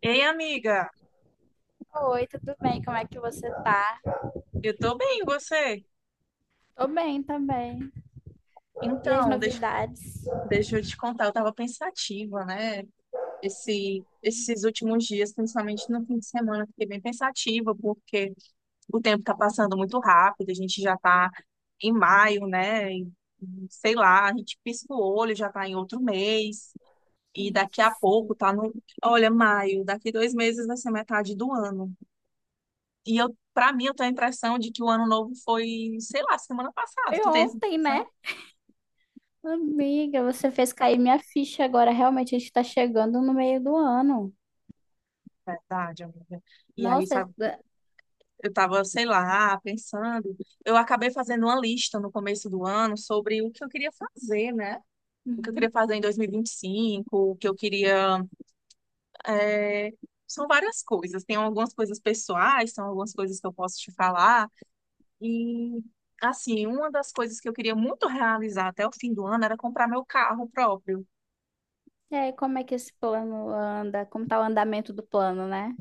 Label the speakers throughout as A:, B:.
A: Ei, amiga,
B: Oi, tudo bem? Como é que você tá?
A: eu tô bem, e você?
B: Tô bem também. E as
A: Então,
B: novidades?
A: deixa eu te contar, eu tava pensativa, né? Esses últimos dias, principalmente no fim de semana, eu fiquei bem pensativa, porque o tempo tá passando muito rápido, a gente já tá em maio, né? E, sei lá, a gente pisca o olho, já tá em outro mês, e daqui a
B: Gente,
A: pouco tá no. Olha, maio, daqui 2 meses vai ser metade do ano. E eu, pra mim, eu tenho a impressão de que o ano novo foi, sei lá, semana passada.
B: foi
A: Tu tem essa
B: ontem,
A: impressão?
B: né? Amiga, você fez cair minha ficha agora. Realmente, a gente tá chegando no meio do ano.
A: Verdade, amiga. E aí,
B: Nossa, é-
A: sabe, eu tava, sei lá, pensando. Eu acabei fazendo uma lista no começo do ano sobre o que eu queria fazer, né? O que eu
B: uhum.
A: queria fazer em 2025, o que eu queria. é, São várias coisas. Tem algumas coisas pessoais, são algumas coisas que eu posso te falar. E, assim, uma das coisas que eu queria muito realizar até o fim do ano era comprar meu carro próprio.
B: E aí, como é que esse plano anda? Como tá o andamento do plano, né?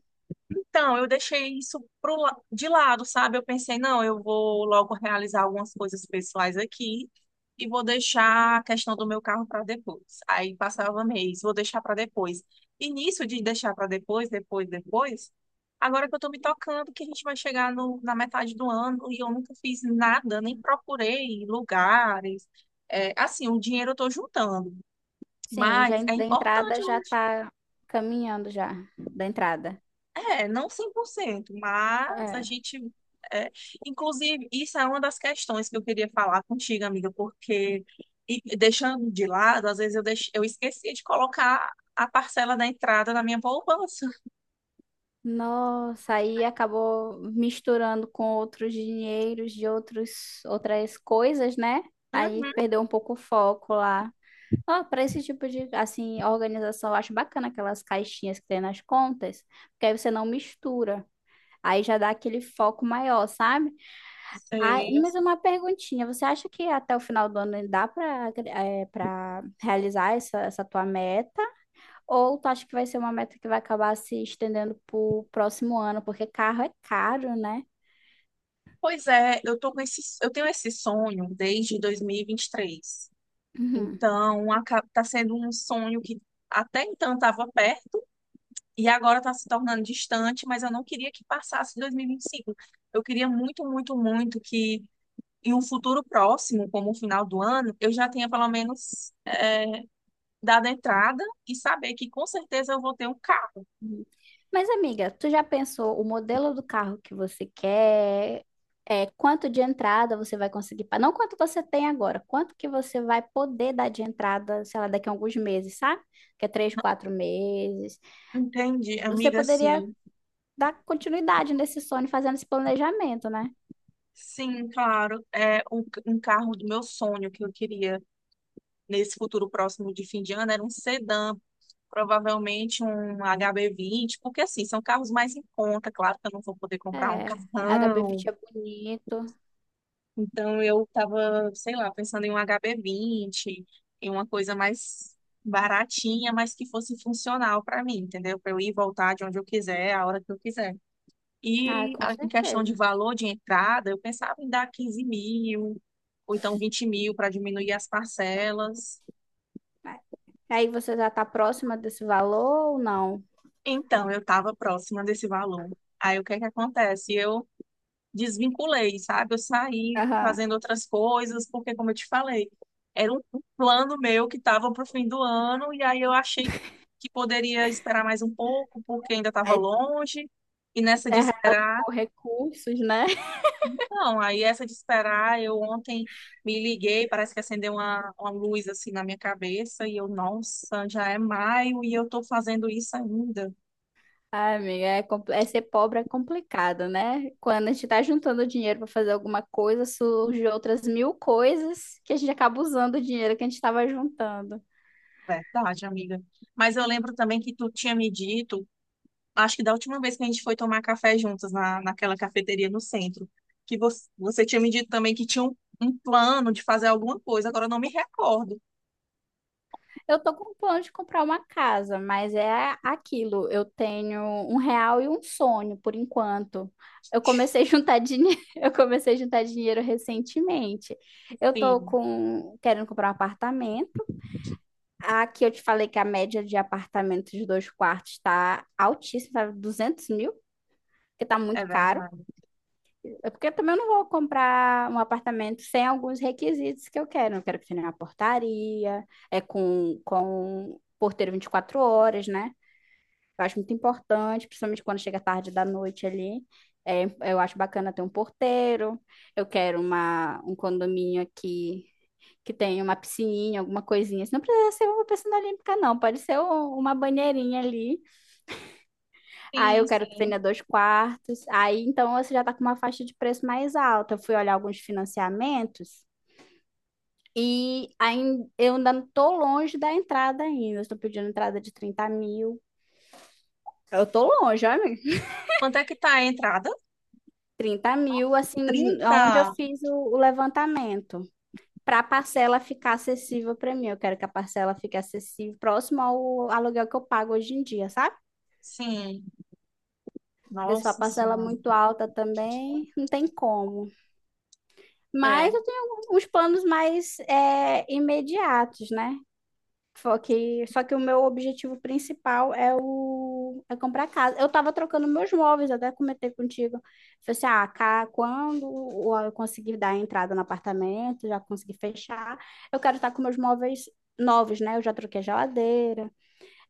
A: Então, eu deixei isso pro, de lado, sabe? Eu pensei, não, eu vou logo realizar algumas coisas pessoais aqui e vou deixar a questão do meu carro para depois. Aí passava mês, vou deixar para depois. E nisso de deixar para depois, depois, depois, agora que eu tô me tocando, que a gente vai chegar na metade do ano e eu nunca fiz nada, nem procurei lugares. É, assim, o dinheiro eu tô juntando,
B: Sim,
A: mas é
B: da
A: importante,
B: entrada já
A: né?
B: tá caminhando já, da entrada.
A: É, não 100%, mas a
B: É.
A: gente. é, Inclusive, isso é uma das questões que eu queria falar contigo, amiga, porque e deixando de lado, às vezes eu esquecia de colocar a parcela da entrada na minha poupança.
B: Nossa, aí acabou misturando com outros dinheiros de outras coisas, né? Aí
A: Uhum,
B: perdeu um pouco o foco lá. Ó, para esse tipo de assim, organização, eu acho bacana aquelas caixinhas que tem nas contas, porque aí você não mistura. Aí já dá aquele foco maior, sabe? Ai,
A: sei, eu
B: mas
A: sei.
B: uma perguntinha, você acha que até o final do ano dá para realizar essa tua meta? Ou tu acha que vai ser uma meta que vai acabar se estendendo pro próximo ano, porque carro é caro, né?
A: Pois é, eu tô com esse, eu tenho esse sonho desde 2023.
B: Uhum,
A: Então, tá sendo um sonho que até então estava perto. E agora está se tornando distante, mas eu não queria que passasse 2025. Eu queria muito, muito, muito que em um futuro próximo, como o final do ano, eu já tenha pelo menos dado a entrada e saber que com certeza eu vou ter um carro.
B: uhum. Mas, amiga, tu já pensou o modelo do carro que você quer? É, quanto de entrada você vai conseguir? Não quanto você tem agora, quanto que você vai poder dar de entrada, sei lá, daqui a alguns meses, sabe? Que é três, quatro meses.
A: Entende,
B: Você
A: amiga?
B: poderia
A: Sim,
B: dar continuidade nesse sonho, fazendo esse planejamento, né?
A: sim, claro. É um carro do meu sonho que eu queria nesse futuro próximo de fim de ano era um sedã. Provavelmente um HB20, porque assim, são carros mais em conta, claro que eu não vou poder comprar um
B: É, a
A: carrão.
B: HB20 é bonito.
A: Então eu tava, sei lá, pensando em um HB20, em uma coisa mais baratinha, mas que fosse funcional para mim, entendeu? Para eu ir e voltar de onde eu quiser, a hora que eu quiser.
B: Ah,
A: E
B: com
A: em questão de
B: certeza.
A: valor de entrada, eu pensava em dar 15 mil, ou então 20 mil para diminuir as parcelas.
B: Aí você já está próxima desse valor ou não?
A: Então eu estava próxima desse valor. Aí o que é que acontece? Eu desvinculei, sabe? Eu saí
B: Aham.
A: fazendo outras coisas, porque, como eu te falei, era um plano meu que estava para o fim do ano, e aí eu achei que poderia esperar mais um pouco, porque ainda estava
B: Aí
A: longe, e nessa
B: você
A: de esperar,
B: realocou recursos, né?
A: não, aí essa de esperar, eu ontem me liguei, parece que acendeu uma luz assim na minha cabeça, e eu, nossa, já é maio e eu estou fazendo isso ainda.
B: Ai, amiga, é ser pobre é complicado, né? Quando a gente tá juntando dinheiro para fazer alguma coisa, surgem outras mil coisas que a gente acaba usando o dinheiro que a gente estava juntando.
A: Verdade, amiga. Mas eu lembro também que tu tinha me dito acho que da última vez que a gente foi tomar café juntas naquela cafeteria no centro, que você tinha me dito também que tinha um plano de fazer alguma coisa, agora eu não me recordo.
B: Eu tô com plano de comprar uma casa, mas é aquilo. Eu tenho um real e um sonho por enquanto. Eu comecei a juntar dinheiro, eu comecei a juntar dinheiro recentemente. Eu tô
A: Sim,
B: com querendo comprar um apartamento. Aqui eu te falei que a média de apartamentos de dois quartos está altíssima, tá 200 mil, que tá
A: é
B: muito caro.
A: verdade.
B: É porque eu também não vou comprar um apartamento sem alguns requisitos que eu quero. Eu quero que tenha uma portaria, é com porteiro 24 horas, né? Eu acho muito importante, principalmente quando chega tarde da noite ali. É, eu acho bacana ter um porteiro. Eu quero um condomínio aqui que tenha uma piscininha, alguma coisinha. Não precisa ser uma piscina olímpica, não. Pode ser uma banheirinha ali. Aí eu
A: Sim,
B: quero que tenha
A: sim.
B: dois quartos. Aí então você já está com uma faixa de preço mais alta. Eu fui olhar alguns financiamentos e ainda, eu ainda estou longe da entrada ainda. Eu estou pedindo entrada de 30 mil. Eu estou longe, olha, amiga.
A: Quanto é que tá a entrada?
B: 30 mil, assim, aonde eu
A: Trinta.
B: fiz o levantamento. Para a parcela ficar acessível para mim. Eu quero que a parcela fique acessível, próximo ao aluguel que eu pago hoje em dia, sabe?
A: Sim,
B: Porque se for a
A: Nossa
B: parcela
A: Senhora.
B: muito alta também, não tem como.
A: É.
B: Mas eu tenho uns planos mais é, imediatos, né? Só que o meu objetivo principal é o é comprar casa. Eu estava trocando meus móveis, até comentei contigo. Falei assim, ah, cá, quando eu conseguir dar entrada no apartamento, já conseguir fechar, eu quero estar com meus móveis novos, né? Eu já troquei a geladeira,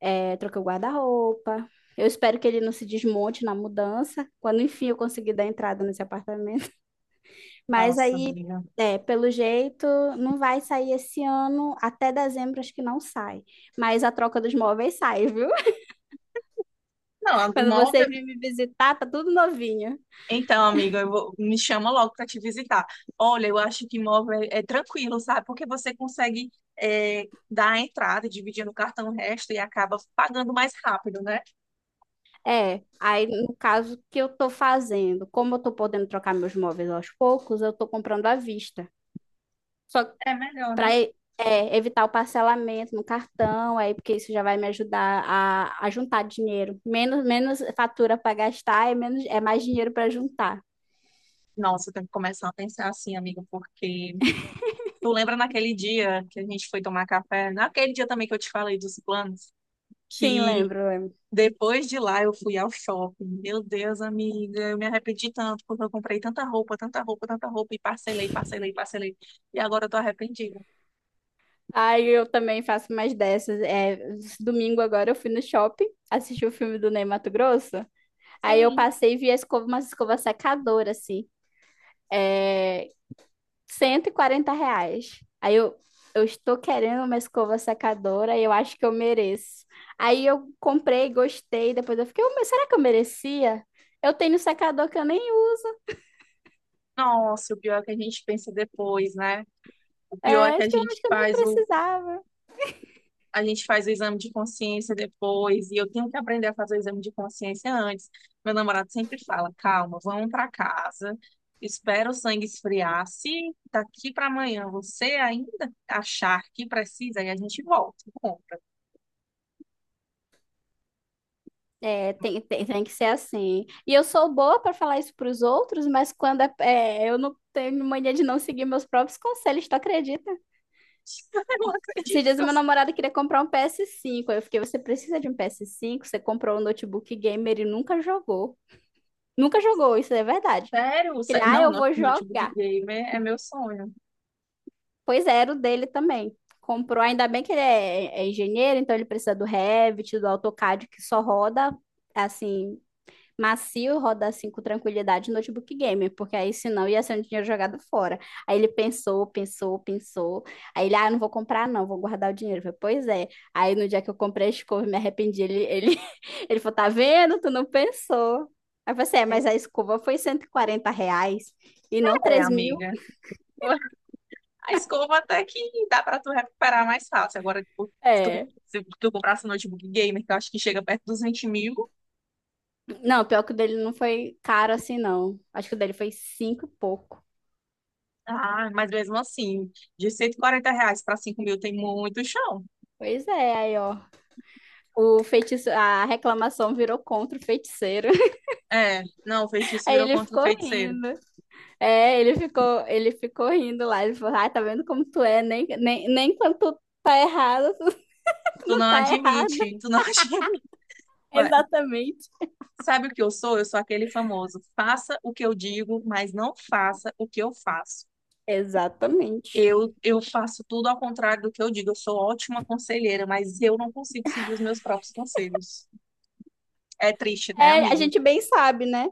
B: é, troquei o guarda-roupa. Eu espero que ele não se desmonte na mudança, quando enfim eu conseguir dar entrada nesse apartamento. Mas
A: Nossa,
B: aí,
A: amiga.
B: é, pelo jeito, não vai sair esse ano. Até dezembro acho que não sai. Mas a troca dos móveis sai, viu?
A: Não, a
B: Quando você
A: móvel.
B: vir me visitar, tá tudo novinho.
A: Então, amiga, me chama logo para te visitar. Olha, eu acho que imóvel é tranquilo, sabe? Porque você consegue é, dar a entrada, dividir no cartão o resto e acaba pagando mais rápido, né?
B: É, aí no caso o que eu tô fazendo, como eu tô podendo trocar meus móveis aos poucos, eu tô comprando à vista. Só
A: É melhor,
B: para
A: né?
B: evitar o parcelamento no cartão, aí porque isso já vai me ajudar a juntar dinheiro. Menos, menos fatura para gastar, é menos, é mais dinheiro para juntar.
A: Nossa, eu tenho que começar a pensar assim, amigo, porque tu lembra naquele dia que a gente foi tomar café, naquele dia também que eu te falei dos planos,
B: Sim,
A: que
B: lembro.
A: depois de lá, eu fui ao shopping. Meu Deus, amiga, eu me arrependi tanto porque eu comprei tanta roupa, tanta roupa, tanta roupa e parcelei, parcelei, parcelei. E agora eu tô arrependida.
B: Ai, eu também faço mais dessas. É, domingo agora eu fui no shopping, assisti o filme do Ney Matogrosso. Aí eu
A: Sim.
B: passei e vi a escova, uma escova secadora, assim. É, 140 reais. Eu estou querendo uma escova secadora e eu acho que eu mereço. Aí eu comprei, gostei. Depois eu fiquei, "Oh, mas será que eu merecia? Eu tenho secador que eu nem uso.
A: Nossa, o pior é que a gente pensa depois, né? O pior é
B: É,
A: que a
B: isso que eu
A: gente
B: acho que eu nem precisava.
A: a gente faz o exame de consciência depois. E eu tenho que aprender a fazer o exame de consciência antes. Meu namorado sempre fala: calma, vamos para casa. Espera o sangue esfriar. Se daqui para amanhã você ainda achar que precisa, aí a gente volta.
B: É, tem que ser assim. E eu sou boa para falar isso para os outros, mas quando é, eu não tenho mania de não seguir meus próprios conselhos, tu acredita?
A: Eu não
B: Esses
A: acredito
B: dias
A: que eu...
B: meu namorado queria comprar um PS5. Aí eu fiquei, você precisa de um PS5? Você comprou um notebook gamer e nunca jogou. Nunca jogou, isso é verdade.
A: Sério?
B: Ah,
A: Não,
B: eu vou
A: notebook
B: jogar.
A: gamer é meu sonho.
B: Pois é, era o dele também. Comprou, ainda bem que é engenheiro, então ele precisa do Revit, do AutoCAD, que só roda, assim, macio, roda assim com tranquilidade no notebook game, porque aí senão ia ser um dinheiro jogado fora. Aí ele pensou. Aí ele, ah, não vou comprar não, vou guardar o dinheiro. Eu falei, pois é. Aí no dia que eu comprei a escova, eu me arrependi. Ele falou, tá vendo? Tu não pensou. Aí eu falei assim, é, mas a escova foi R$ 140 e não
A: É,
B: 3.000.
A: amiga. A escova até que dá pra tu recuperar mais fácil. Agora, tipo,
B: É.
A: se tu comprasse um notebook gamer, que eu acho que chega perto dos 20 mil,
B: Não, pior que o dele não foi caro assim, não. Acho que o dele foi cinco e pouco.
A: ah, mas mesmo assim, de R$ 140 pra 5 mil tem muito chão.
B: Pois é, aí ó. A reclamação virou contra o feiticeiro.
A: É, não, o feitiço
B: Aí
A: virou
B: ele
A: contra o
B: ficou
A: feiticeiro.
B: rindo. É, ele ficou rindo lá. Ele falou, ai, tá vendo como tu é? Nem quando tu tá errado tu
A: Tu
B: não
A: não
B: tá errada.
A: admite, tu não admite. Vai.
B: Exatamente.
A: Sabe o que eu sou? Eu sou aquele famoso. Faça o que eu digo, mas não faça o que eu faço.
B: Exatamente.
A: Eu faço tudo ao contrário do que eu digo. Eu sou ótima conselheira, mas eu não consigo seguir os meus próprios conselhos. É triste, né,
B: É, a
A: amigo?
B: gente bem sabe, né?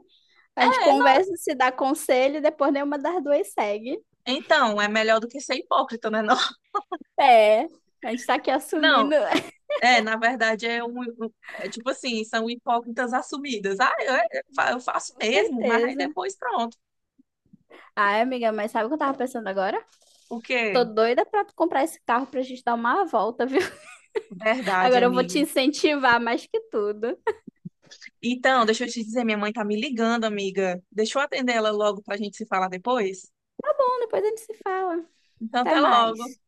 B: A gente
A: É, não.
B: conversa, se dá conselho, e depois nenhuma das duas segue.
A: Então, é melhor do que ser hipócrita, né? Não,
B: É, a gente tá aqui
A: não.
B: assumindo.
A: É, na verdade, é um, é tipo assim, são hipócritas assumidas. Ah, eu, é, eu fa- eu faço
B: Com
A: mesmo, mas aí
B: certeza.
A: depois pronto.
B: Ai, amiga, mas sabe o que eu tava pensando agora?
A: O
B: Tô
A: quê?
B: doida pra tu comprar esse carro pra gente dar uma volta, viu?
A: Verdade,
B: Agora eu vou
A: amiga.
B: te incentivar mais que tudo.
A: Então, deixa eu te dizer, minha mãe tá me ligando, amiga. Deixa eu atender ela logo pra gente se falar depois.
B: Bom, depois a gente se fala.
A: Então,
B: Até
A: até logo.
B: mais.